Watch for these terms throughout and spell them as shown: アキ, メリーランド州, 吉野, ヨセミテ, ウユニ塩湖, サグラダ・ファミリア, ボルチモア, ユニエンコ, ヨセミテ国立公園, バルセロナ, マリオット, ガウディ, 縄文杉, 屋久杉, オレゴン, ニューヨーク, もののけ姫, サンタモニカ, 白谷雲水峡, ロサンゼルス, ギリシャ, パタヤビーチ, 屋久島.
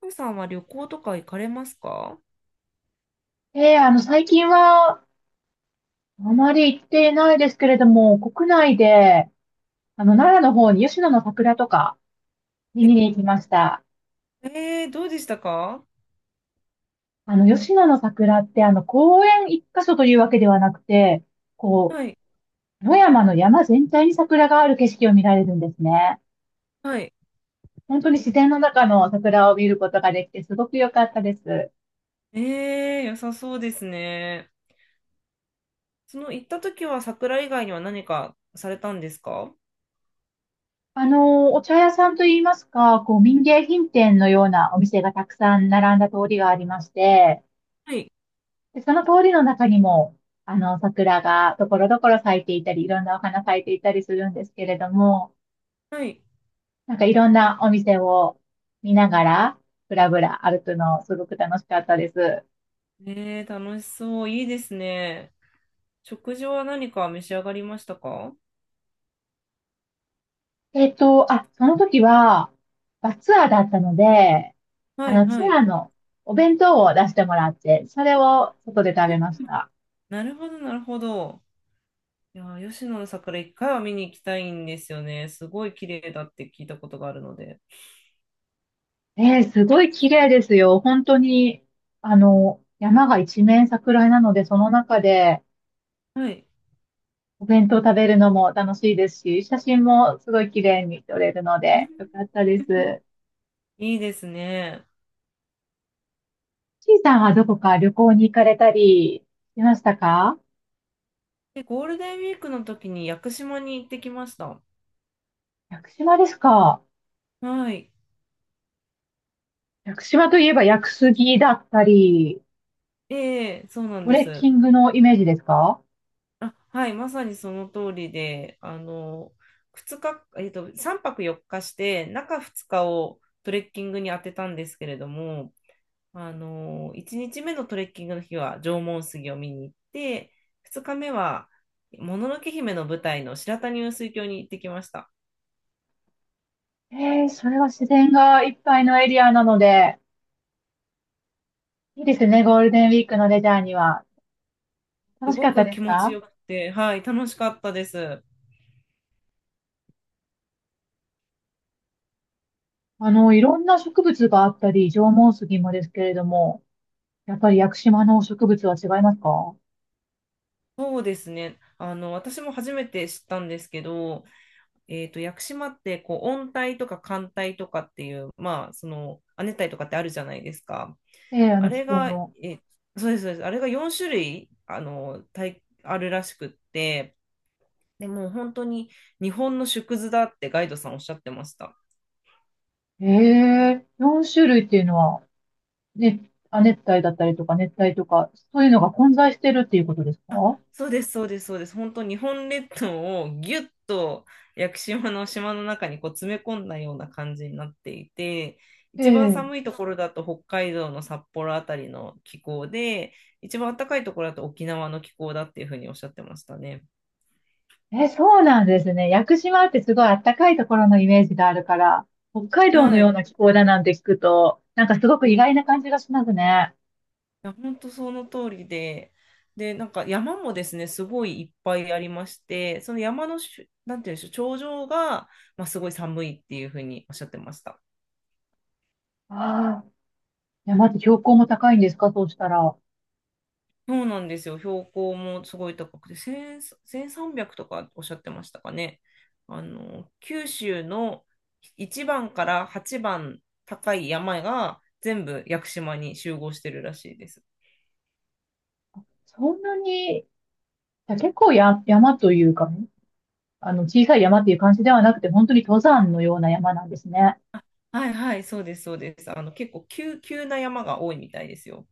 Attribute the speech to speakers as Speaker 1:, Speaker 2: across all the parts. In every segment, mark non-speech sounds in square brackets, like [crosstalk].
Speaker 1: ふうさんは旅行とか行かれますか？
Speaker 2: ええ、最近は、あまり行っていないですけれども、国内で、奈良の方に吉野の桜とか見
Speaker 1: え
Speaker 2: に行きました。
Speaker 1: えー、どうでしたか？
Speaker 2: 吉野の桜って、公園一箇所というわけではなくて、こ
Speaker 1: はい、
Speaker 2: 野山の山全体に桜がある景色を見られるんですね。
Speaker 1: はい。
Speaker 2: 本当に自然の中の桜を見ることができて、すごく良かったです。
Speaker 1: ええー、良さそうですね。その行った時は桜以外には何かされたんですか？
Speaker 2: お茶屋さんといいますか、民芸品店のようなお店がたくさん並んだ通りがありまして、
Speaker 1: はい、
Speaker 2: で、その通りの中にも、桜がところどころ咲いていたり、いろんなお花咲いていたりするんですけれども、
Speaker 1: はい。
Speaker 2: なんかいろんなお店を見ながら、ぶらぶら歩くの、すごく楽しかったです。
Speaker 1: ええー、楽しそう。いいですね。食事は何か召し上がりましたか？
Speaker 2: あ、その時は、バスツアーだったので、
Speaker 1: はい、
Speaker 2: ツ
Speaker 1: は
Speaker 2: ア
Speaker 1: い。
Speaker 2: ーのお弁当を出してもらって、それを外で食
Speaker 1: うん
Speaker 2: べまし
Speaker 1: うん。
Speaker 2: た。
Speaker 1: なるほど、なるほど。いやー、吉野の桜一回は見に行きたいんですよね。すごい綺麗だって聞いたことがあるので。
Speaker 2: すごい綺麗ですよ。本当に、山が一面桜なので、その中で、
Speaker 1: はい。
Speaker 2: お弁当食べるのも楽しいですし、写真もすごい綺麗に撮れるの
Speaker 1: うん、
Speaker 2: で、よかったです。
Speaker 1: いいですね。
Speaker 2: ちいさんはどこか旅行に行かれたりしましたか？
Speaker 1: で、ゴールデンウィークの時に屋久島に行ってきました。
Speaker 2: 屋久島ですか？
Speaker 1: はい。
Speaker 2: 屋久島といえば屋久杉だったり、
Speaker 1: ええ、そうなん
Speaker 2: ト
Speaker 1: で
Speaker 2: レッキ
Speaker 1: す。
Speaker 2: ングのイメージですか？
Speaker 1: あ、はい、まさにその通りで、2日、3泊4日して、中2日をトレッキングに当てたんですけれども、1日目のトレッキングの日は縄文杉を見に行って、2日目は、もののけ姫の舞台の白谷雲水峡に行ってきました。
Speaker 2: それは自然がいっぱいのエリアなので、いいですね、ゴールデンウィークのレジャーには。楽
Speaker 1: す
Speaker 2: しか
Speaker 1: ご
Speaker 2: った
Speaker 1: く
Speaker 2: です
Speaker 1: 気持ち
Speaker 2: か？
Speaker 1: よくて、はい、楽しかったです。
Speaker 2: いろんな植物があったり、縄文杉もですけれども、やっぱり屋久島の植物は違いますか？
Speaker 1: そうですね。私も初めて知ったんですけど、屋久島って、こう、温帯とか寒帯とかっていう、まあ、その、亜熱帯とかってあるじゃないですか。
Speaker 2: ええ、あ
Speaker 1: あ
Speaker 2: の気
Speaker 1: れ
Speaker 2: 候
Speaker 1: が、
Speaker 2: の。
Speaker 1: え、そうです、そうです。あれが4種類、帯、あるらしくって、でもう本当に日本の縮図だってガイドさんおっしゃってました。
Speaker 2: ええ、4種類っていうのは、ね、亜熱帯だったりとか熱帯とか、そういうのが混在してるっていうことですか？
Speaker 1: そうです、そうです、そうです。本当、日本列島をぎゅっと屋久島の島の中にこう詰め込んだような感じになっていて、
Speaker 2: え
Speaker 1: 一番
Speaker 2: え、
Speaker 1: 寒いところだと北海道の札幌あたりの気候で、一番暖かいところだと沖縄の気候だっていうふうにおっしゃってましたね。
Speaker 2: え、そうなんですね。屋久島ってすごいあったかいところのイメージがあるから、北海道の
Speaker 1: は
Speaker 2: よう
Speaker 1: い。
Speaker 2: な気候だなんて聞くと、なんかすごく
Speaker 1: うん。
Speaker 2: 意
Speaker 1: い
Speaker 2: 外な感じがしますね。
Speaker 1: や、本当その通りで、で、なんか山もですね、すごいいっぱいありまして、その山のなんていうんでしょう、頂上が、まあ、すごい寒いっていうふうにおっしゃってました。
Speaker 2: ああ、山って標高も高いんですか、そうしたら？
Speaker 1: そうなんですよ。標高もすごい高くて、1000、3 0 0とかおっしゃってましたかね。九州の1番から8番高い山が全部屋久島に集合してるらしいです。
Speaker 2: そんなに、いや結構や、山というかね、小さい山っていう感じではなくて、本当に登山のような山なんですね。
Speaker 1: はいはい、そうです、そうです。結構急な山が多いみたいですよ。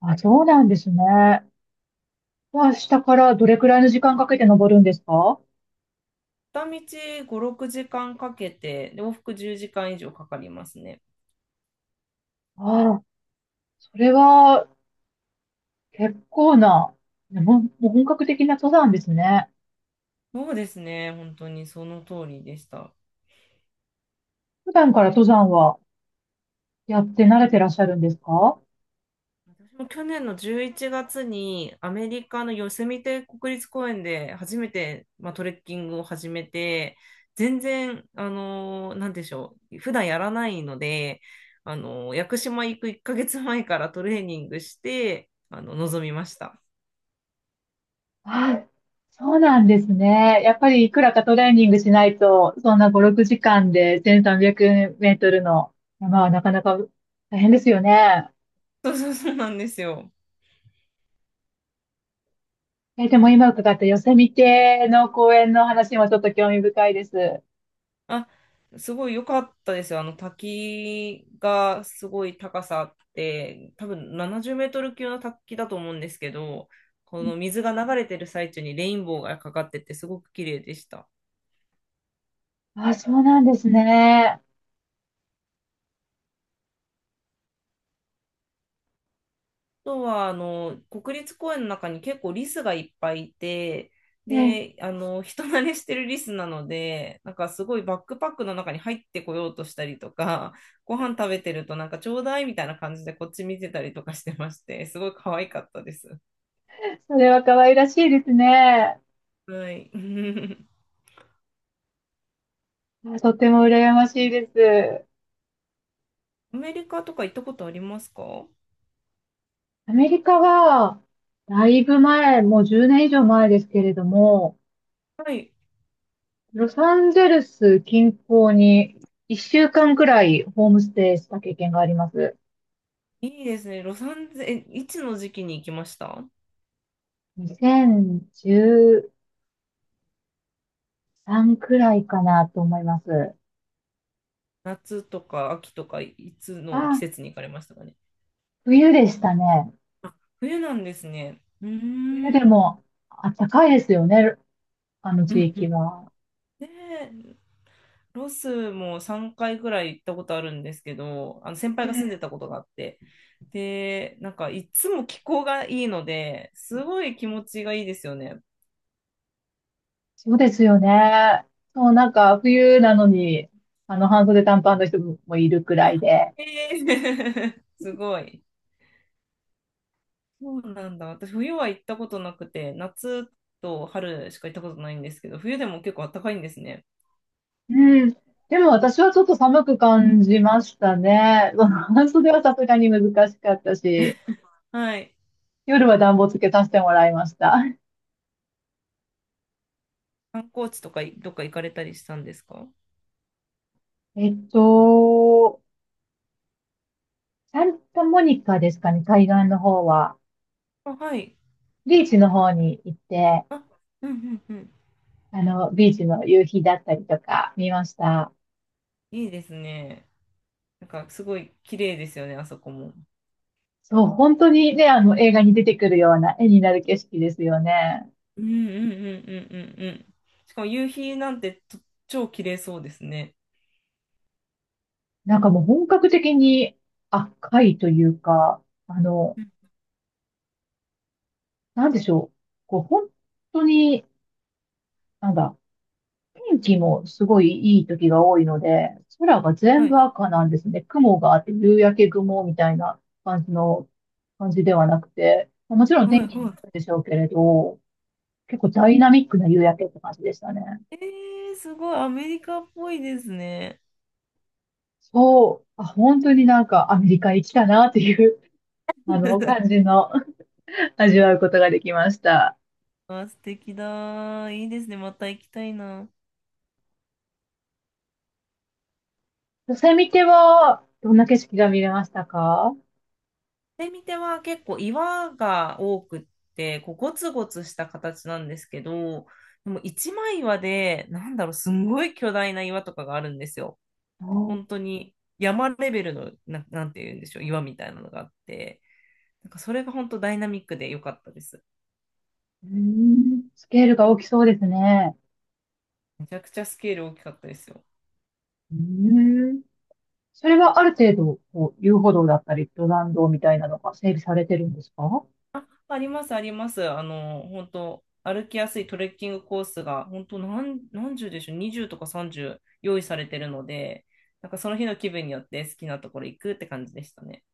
Speaker 2: あ、そうなんですね。まあ、下からどれくらいの時間かけて登るんですか？
Speaker 1: 片道5、6時間かけて、で往復10時間以上かかりますね。
Speaker 2: ああ、それは結構な、ねもう、もう本格的な登山ですね。
Speaker 1: そうですね。本当にその通りでした。
Speaker 2: 普段から登山はやって慣れてらっしゃるんですか？
Speaker 1: 私も去年の11月にアメリカのヨセミテ国立公園で初めて、まあ、トレッキングを始めて、全然、なんでしょう、普段やらないので、屋久島行く1ヶ月前からトレーニングして、臨みました。
Speaker 2: ああ、そうなんですね。やっぱりいくらかトレーニングしないと、そんな5、6時間で1300メートルの山はなかなか大変ですよね。
Speaker 1: そうそうそうなんですよ。
Speaker 2: え、でも今伺ったヨセミテの公園の話もちょっと興味深いです。
Speaker 1: あ、すごい良かったですよ。あの滝がすごい高さあって、多分70メートル級の滝だと思うんですけど、この水が流れてる最中にレインボーがかかっててすごく綺麗でした。
Speaker 2: あ、そうなんですね。
Speaker 1: あとはあの国立公園の中に結構リスがいっぱいいて、
Speaker 2: え、
Speaker 1: で、人慣れしてるリスなので、なんかすごいバックパックの中に入ってこようとしたりとか、ご飯食べてるとなんかちょうだいみたいな感じでこっち見てたりとかしてまして、すごい可愛かったです。
Speaker 2: それは可愛らしいですね。
Speaker 1: はい。[laughs]
Speaker 2: あとても羨ましいです。
Speaker 1: アメリカとか行ったことありますか？
Speaker 2: アメリカは、だいぶ前、もう10年以上前ですけれども、
Speaker 1: い。
Speaker 2: ロサンゼルス近郊に1週間くらいホームステイした経験があります。
Speaker 1: いいですね。ロサンゼル、えいつの時期に行きました？
Speaker 2: 2013くらいかなと思います。
Speaker 1: 夏とか秋とかいつの季
Speaker 2: あ、
Speaker 1: 節に行かれましたかね？
Speaker 2: 冬でしたね。
Speaker 1: 冬なんですね。う
Speaker 2: 冬
Speaker 1: ー
Speaker 2: で
Speaker 1: ん。
Speaker 2: もあったかいですよね、あの
Speaker 1: う
Speaker 2: 地
Speaker 1: んう
Speaker 2: 域
Speaker 1: ん。
Speaker 2: は。
Speaker 1: で、ロスも3回ぐらい行ったことあるんですけど、あの先輩が住んでたことがあって、で、なんかいつも気候がいいので、すごい気持ちがいいですよね。
Speaker 2: そうですよね。そう、なんか冬なのに、あの半袖短パンの人もいるくらい
Speaker 1: あ、
Speaker 2: で。
Speaker 1: えー [laughs] すごい。そうなんだ。私、冬は行ったことなくて、夏と春しか行ったことないんですけど、冬でも結構暖かいんですね。
Speaker 2: うん。でも私はちょっと寒く感じましたね。うん [laughs] 半袖はさすがに難しかったし、
Speaker 1: はい。
Speaker 2: 夜は暖房つけさせてもらいました。
Speaker 1: 観光地とかどっか行かれたりしたんですか？
Speaker 2: えっと、サンタモニカですかね、海岸の方は。
Speaker 1: あ、はい。
Speaker 2: ビーチの方に行って、
Speaker 1: あ、うんうんうん。
Speaker 2: ビーチの夕日だったりとか見ました。
Speaker 1: いいですね。なんかすごい綺麗ですよね、あそこも。
Speaker 2: そう、本当にね、映画に出てくるような絵になる景色ですよね。
Speaker 1: うんうんうんうんうんうん。しかも夕日なんて超綺麗そうですね。
Speaker 2: なんかもう本格的に赤いというか、あの、
Speaker 1: うん。
Speaker 2: なんでしょう。本当に、なんだ、天気もすごいいい時が多いので、空が
Speaker 1: は
Speaker 2: 全
Speaker 1: い
Speaker 2: 部赤なんですね。雲があって、夕焼け雲みたいな感じの、感じではなくて、まあもちろん
Speaker 1: は
Speaker 2: 天
Speaker 1: い
Speaker 2: 気によ
Speaker 1: は
Speaker 2: るでしょうけれど、結構ダイナミックな夕焼けって感じでしたね。
Speaker 1: い。えー、すごいアメリカっぽいですね。
Speaker 2: そう、あ、本当になんかアメリカ行きたなっていう、感じ
Speaker 1: [laughs]
Speaker 2: の [laughs] 味わうことができました。
Speaker 1: あ、素敵だ。いいですね。また行きたいな。
Speaker 2: ヨセミテは、どんな景色が見れましたか？
Speaker 1: で、見ては結構岩が多くって、こうゴツゴツした形なんですけど、でも一枚岩で、なんだろう、すんごい巨大な岩とかがあるんですよ。
Speaker 2: あー、
Speaker 1: 本当に山レベルの、なんて言うんでしょう、岩みたいなのがあって、なんかそれが本当ダイナミックで良かったです。
Speaker 2: うーん、スケールが大きそうですね。
Speaker 1: めちゃくちゃスケール大きかったですよ。
Speaker 2: うーん、それはある程度、遊歩道だったり、登山道みたいなのが整備されてるんですか？
Speaker 1: あります、あります。本当歩きやすいトレッキングコースが、本当何十でしょう、20とか30用意されてるので、なんかその日の気分によって好きなところ行くって感じでしたね。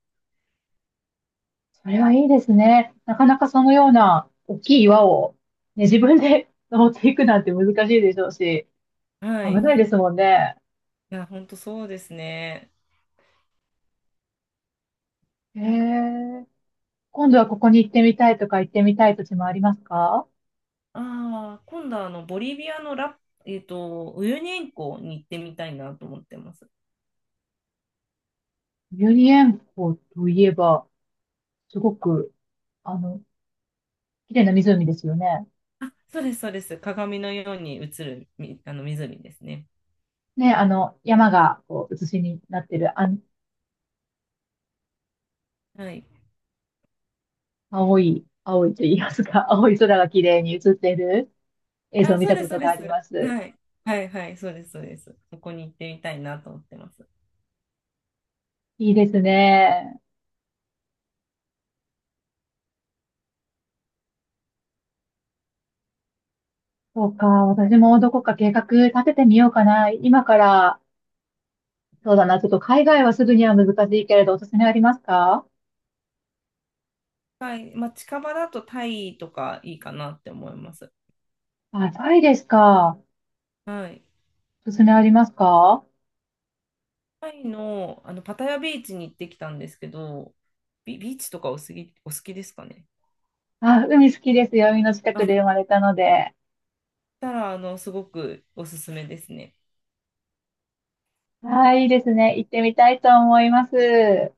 Speaker 2: それはいいですね。なかなかそのような大きい岩を、ね、自分で [laughs] 登っていくなんて難しいでしょうし、
Speaker 1: は
Speaker 2: 危
Speaker 1: い。い
Speaker 2: ないですもんね。
Speaker 1: や、本当そうですね。
Speaker 2: へえ。今度はここに行ってみたいとか行ってみたい土地もありますか？
Speaker 1: ああ、今度はボリビアのウユニ塩湖に行ってみたいなと思ってます。
Speaker 2: ユニエンコといえば、すごく、あの、綺麗な湖ですよね。
Speaker 1: あ、そうです、そうです。鏡のように映るあの湖ですね。
Speaker 2: ね、山が、写しになってる、
Speaker 1: はい。
Speaker 2: 青い、青いと言いますか、[laughs] 青い空が綺麗に写ってる映像を
Speaker 1: あ、
Speaker 2: 見
Speaker 1: そう
Speaker 2: た
Speaker 1: で
Speaker 2: こ
Speaker 1: す、そう
Speaker 2: とが
Speaker 1: で
Speaker 2: あ
Speaker 1: す。
Speaker 2: ります。
Speaker 1: はい。はい、はい、そうです、そうです。そこに行ってみたいなと思ってます。
Speaker 2: いいですね。そうか、私もどこか計画立ててみようかな。今から、そうだな、ちょっと海外はすぐには難しいけれど、おすすめありますか？
Speaker 1: はい。まあ、近場だとタイとかいいかなって思います。
Speaker 2: あ、タイですか。
Speaker 1: はい。
Speaker 2: おすすめありますか？
Speaker 1: タイの、パタヤビーチに行ってきたんですけど、ビーチとかお好きですかね。
Speaker 2: あ、海好きですよ。海の近
Speaker 1: あ、
Speaker 2: く
Speaker 1: し
Speaker 2: で生まれたので。
Speaker 1: たら、すごくおすすめですね。
Speaker 2: はい、いいですね。行ってみたいと思います。